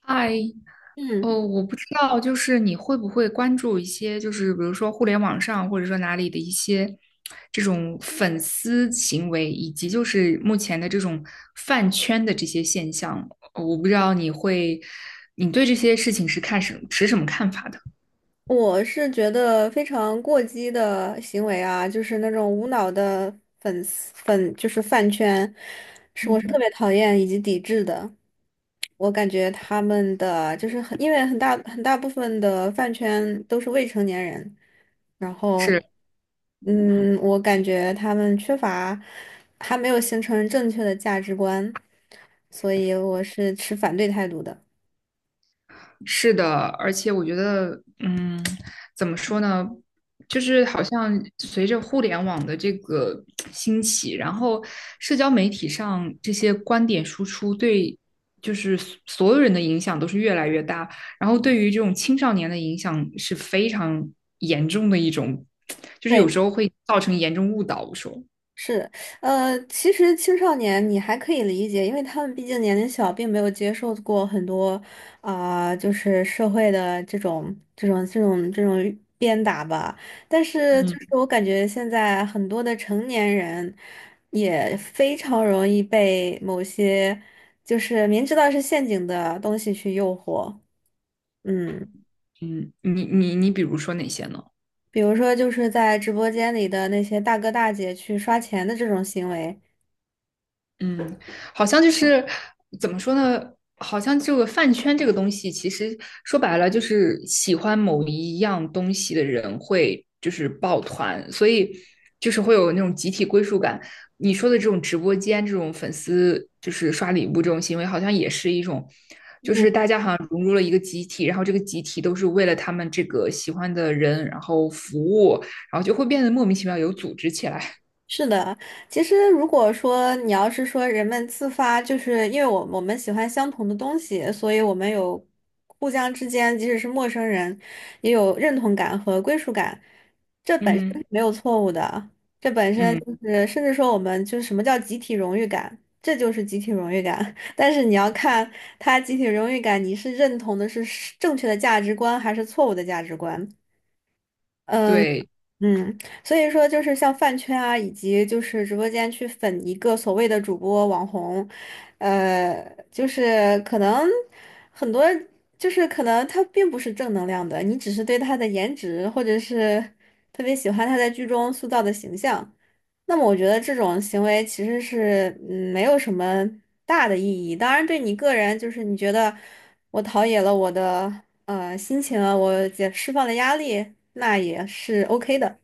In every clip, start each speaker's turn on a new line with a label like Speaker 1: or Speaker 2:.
Speaker 1: 嗨，
Speaker 2: 嗯，
Speaker 1: 哦，我不知道，就是你会不会关注一些，就是比如说互联网上或者说哪里的一些这种粉丝行为，以及就是目前的这种饭圈的这些现象，哦我不知道你会，你对这些事情是看持什么看法的？
Speaker 2: 我是觉得非常过激的行为啊，就是那种无脑的粉丝粉，就是饭圈，是我是特别讨厌以及抵制的。我感觉他们的就是很，因为很大部分的饭圈都是未成年人，然后，
Speaker 1: 是。
Speaker 2: 嗯，我感觉他们缺乏，还没有形成正确的价值观，所以我是持反对态度的。
Speaker 1: 是的，而且我觉得，怎么说呢，就是好像随着互联网的这个兴起，然后社交媒体上这些观点输出对，就是所有人的影响都是越来越大，然后对于这种青少年的影响是非常严重的一种，就是有
Speaker 2: 对。
Speaker 1: 时候会造成严重误导。我说，
Speaker 2: 是，其实青少年你还可以理解，因为他们毕竟年龄小，并没有接受过很多啊、就是社会的这种鞭打吧。但是，就是
Speaker 1: 嗯。
Speaker 2: 我感觉现在很多的成年人也非常容易被某些就是明知道是陷阱的东西去诱惑，嗯，
Speaker 1: 嗯，你你你，比如说哪些呢？
Speaker 2: 比如说就是在直播间里的那些大哥大姐去刷钱的这种行为。
Speaker 1: 嗯，好像就是怎么说呢？好像这个饭圈这个东西，其实说白了就是喜欢某一样东西的人会就是抱团，所以就是会有那种集体归属感。你说的这种直播间这种粉丝就是刷礼物这种行为，好像也是一种，就
Speaker 2: 嗯。
Speaker 1: 是大家好像融入了一个集体，然后这个集体都是为了他们这个喜欢的人，然后服务，然后就会变得莫名其妙有组织起来。
Speaker 2: 是的，其实如果说你要是说人们自发，就是因为我们喜欢相同的东西，所以我们有互相之间，即使是陌生人，也有认同感和归属感，
Speaker 1: 嗯
Speaker 2: 没有错误的。这本身
Speaker 1: 嗯，
Speaker 2: 就是，甚至说我们就是什么叫集体荣誉感，这就是集体荣誉感。但是你要看他集体荣誉感，你是认同的是正确的价值观还是错误的价值观。
Speaker 1: 对，
Speaker 2: 嗯，所以说就是像饭圈啊，以及就是直播间去粉一个所谓的主播网红，呃，就是可能很多就是可能他并不是正能量的，你只是对他的颜值或者是特别喜欢他在剧中塑造的形象，那么我觉得这种行为其实是嗯没有什么大的意义。当然，对你个人就是你觉得我陶冶了我的。心情啊，我也释放了压力，那也是 OK 的。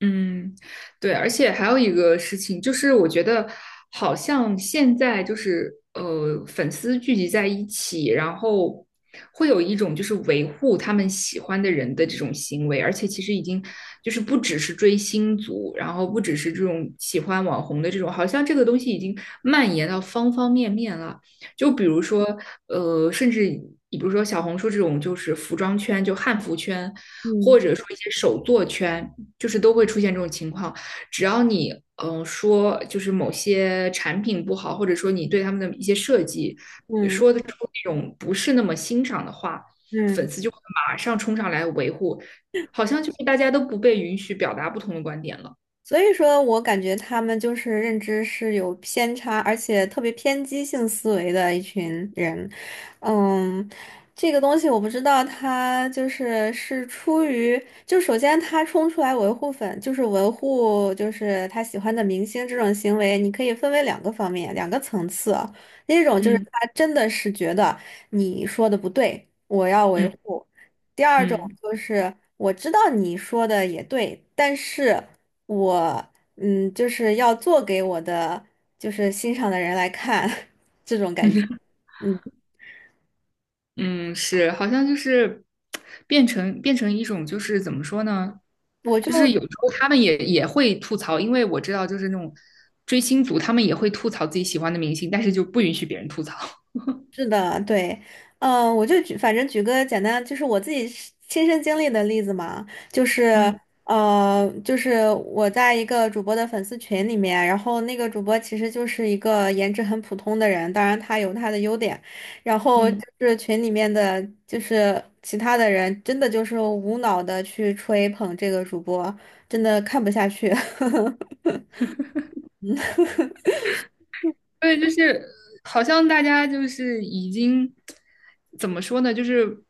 Speaker 1: 嗯，对，而且还有一个事情，就是我觉得好像现在就是粉丝聚集在一起，然后会有一种就是维护他们喜欢的人的这种行为，而且其实已经就是不只是追星族，然后不只是这种喜欢网红的这种，好像这个东西已经蔓延到方方面面了。就比如说甚至你比如说小红书这种，就是服装圈，就汉服圈，或
Speaker 2: 嗯
Speaker 1: 者说一些手作圈。就是都会出现这种情况。只要你说就是某些产品不好，或者说你对他们的一些设计
Speaker 2: 嗯
Speaker 1: 说的出那种不是那么欣赏的话，
Speaker 2: 嗯。
Speaker 1: 粉丝就会马上冲上来维护，好像就是大家都不被允许表达不同的观点了。
Speaker 2: 所以说我感觉他们就是认知是有偏差，而且特别偏激性思维的一群人。嗯，这个东西我不知道，他就是是出于，就首先他冲出来维护粉，就是维护就是他喜欢的明星这种行为，你可以分为两个方面，两个层次啊。第一种就是
Speaker 1: 嗯
Speaker 2: 他真的是觉得你说的不对，我要维
Speaker 1: 嗯
Speaker 2: 护。第二种
Speaker 1: 嗯。
Speaker 2: 就是我知道你说的也对，但是。我嗯，就是要做给我的就是欣赏的人来看。嗯，
Speaker 1: 嗯，是，好像就是变成一种，就是怎么说呢？
Speaker 2: 我
Speaker 1: 就是
Speaker 2: 就
Speaker 1: 有时候他们也会吐槽，因为我知道就是那种追星族，他们也会吐槽自己喜欢的明星，但是就不允许别人吐槽。
Speaker 2: 是的，对，嗯，我就举，反正举个简单，就是我自己是亲身经历的例子嘛，就是
Speaker 1: 嗯
Speaker 2: 就是我在一个主播的粉丝群里面，然后那个主播其实就是一个颜值很普通的人，当然他有他的优点，然后就
Speaker 1: 嗯。
Speaker 2: 是群里面的就是其他的人，真的就是无脑的去吹捧这个主播，真的看不下去。
Speaker 1: 对，就是好像大家就是已经怎么说呢？就是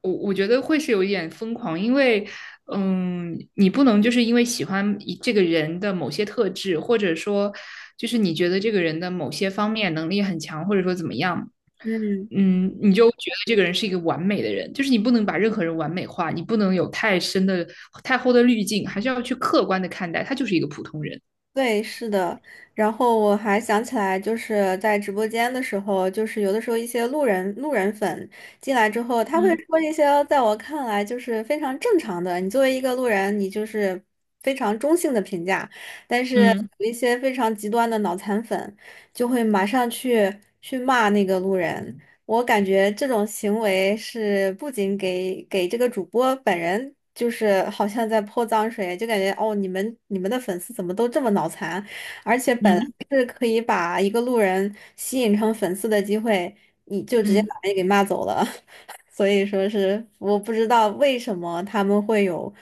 Speaker 1: 我觉得会是有一点疯狂，因为你不能就是因为喜欢一这个人的某些特质，或者说就是你觉得这个人的某些方面能力很强，或者说怎么样，
Speaker 2: 嗯
Speaker 1: 你就觉得这个人是一个完美的人，就是你不能把任何人完美化，你不能有太深的、太厚的滤镜，还是要去客观的看待，他就是一个普通人。
Speaker 2: 对，是的。然后我还想起来，就是在直播间的时候，就是有的时候一些路人粉进来之后，他会
Speaker 1: 嗯
Speaker 2: 说一些在我看来就是非常正常的，你作为一个路人，你就是非常中性的评价。但是
Speaker 1: 嗯
Speaker 2: 有一些非常极端的脑残粉，就会马上去骂那个路人，我感觉这种行为是不仅给这个主播本人，就是好像在泼脏水，就感觉哦，你们的粉丝怎么都这么脑残？而且本来
Speaker 1: 嗯
Speaker 2: 是可以把一个路人吸引成粉丝的机会，你就直接
Speaker 1: 嗯。
Speaker 2: 把人给骂走了。所以说是我不知道为什么他们会有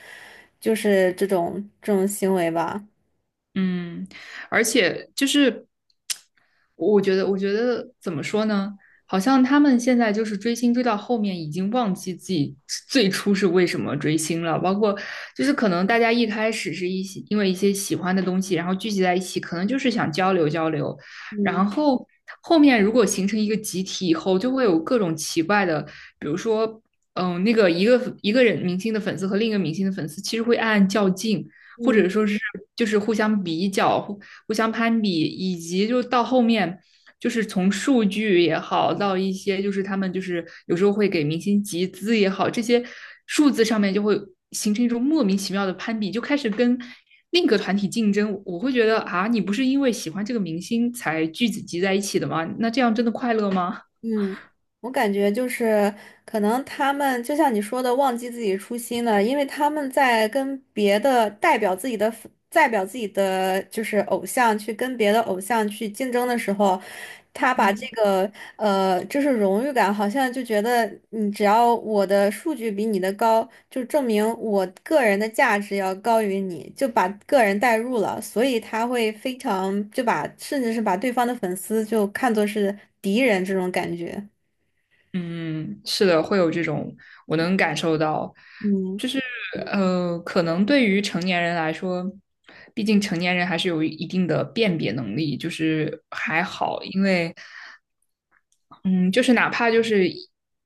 Speaker 2: 就是这种行为吧。
Speaker 1: 嗯，而且就是我觉得怎么说呢？好像他们现在就是追星追到后面，已经忘记自己最初是为什么追星了。包括就是可能大家一开始是一些因为一些喜欢的东西，然后聚集在一起，可能就是想交流交流。
Speaker 2: 嗯
Speaker 1: 然后后面如果形成一个集体以后，就会有各种奇怪的，比如说，那个一个人明星的粉丝和另一个明星的粉丝，其实会暗暗较劲。或者
Speaker 2: 嗯
Speaker 1: 说是就是互相比较，互相攀比，以及就到后面。就是从数据也好，到一些就是他们就是有时候会给明星集资也好，这些数字上面就会形成一种莫名其妙的攀比，就开始跟另一个团体竞争。我会觉得啊，你不是因为喜欢这个明星才聚集在一起的吗？那这样真的快乐吗？
Speaker 2: 嗯。我感觉就是可能他们就像你说的，忘记自己初心了，因为他们在跟别的代表自己的就是偶像去跟别的偶像去竞争的时候，他把这个就是荣誉感，好像就觉得你只要我的数据比你的高，就证明我个人的价值要高于你，就把个人带入了，所以他会非常就把甚至是把对方的粉丝就看作是敌人这种感觉。
Speaker 1: 嗯，是的，会有这种，我能感受到。
Speaker 2: 嗯
Speaker 1: 可能对于成年人来说，毕竟成年人还是有一定的辨别能力，就是还好，因为嗯，就是哪怕就是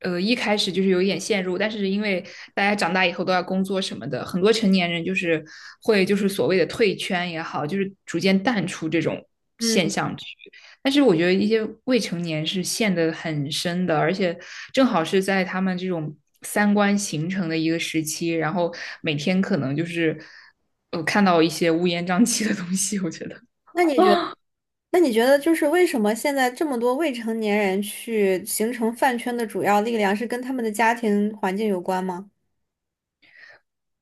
Speaker 1: 一开始就是有一点陷入，但是因为大家长大以后都要工作什么的，很多成年人就是会就是所谓的退圈也好，就是逐渐淡出这种现
Speaker 2: 嗯，
Speaker 1: 象去。但是我觉得一些未成年是陷得很深的，而且正好是在他们这种三观形成的一个时期，然后每天可能就是看到一些乌烟瘴气的东西，我觉得。
Speaker 2: 那你觉那你觉得就是为什么现在这么多未成年人去形成饭圈的主要力量是跟他们的家庭环境有关吗？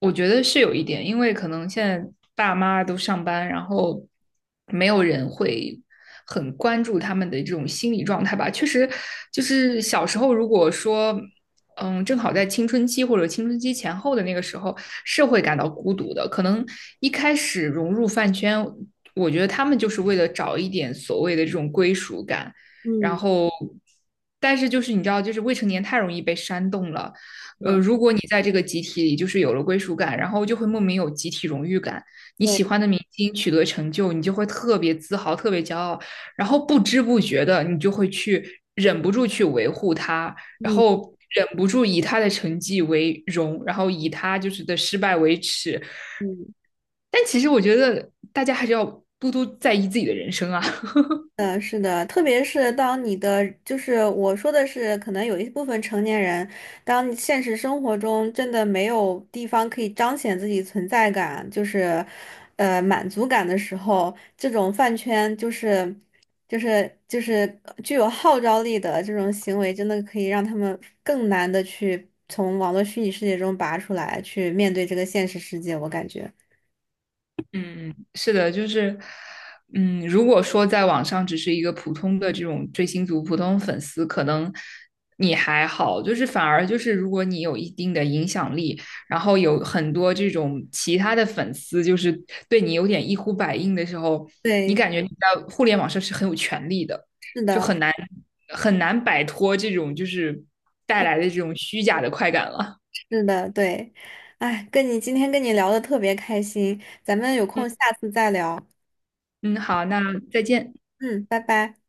Speaker 1: 我觉得是有一点，因为可能现在爸妈都上班，然后没有人会很关注他们的这种心理状态吧。确实，就是小时候如果说，正好在青春期或者青春期前后的那个时候，是会感到孤独的。可能一开始融入饭圈，我觉得他们就是为了找一点所谓的这种归属感，然
Speaker 2: 嗯，
Speaker 1: 后。但是就是你知道，就是未成年太容易被煽动了，
Speaker 2: 对
Speaker 1: 如果你在这个集体里就是有了归属感，然后就会莫名有集体荣誉感。你
Speaker 2: 对，
Speaker 1: 喜欢的明星取得成就，你就会特别自豪、特别骄傲，然后不知不觉的你就会去忍不住去维护他，然
Speaker 2: 嗯
Speaker 1: 后忍不住以他的成绩为荣，然后以他就是的失败为耻。
Speaker 2: 嗯。
Speaker 1: 但其实我觉得大家还是要多多在意自己的人生啊。
Speaker 2: 嗯，是的，特别是当你的，就是我说的是，可能有一部分成年人，当现实生活中真的没有地方可以彰显自己存在感，就是，满足感的时候，这种饭圈就是，就是具有号召力的这种行为，真的可以让他们更难的去从网络虚拟世界中拔出来，去面对这个现实世界，我感觉。
Speaker 1: 嗯，是的，就是，如果说在网上只是一个普通的这种追星族、普通粉丝，可能你还好，就是反而就是如果你有一定的影响力，然后有很多这种其他的粉丝，就是对你有点一呼百应的时候，你
Speaker 2: 对，
Speaker 1: 感觉你在互联网上是很有权利的，
Speaker 2: 是
Speaker 1: 就
Speaker 2: 的。
Speaker 1: 很难很难摆脱这种就是带来的这种虚假的快感了。
Speaker 2: 是的，对，哎，今天跟你聊的特别开心，咱们有
Speaker 1: 嗯
Speaker 2: 空下次再聊，
Speaker 1: 嗯，好，那再见。
Speaker 2: 嗯，拜拜。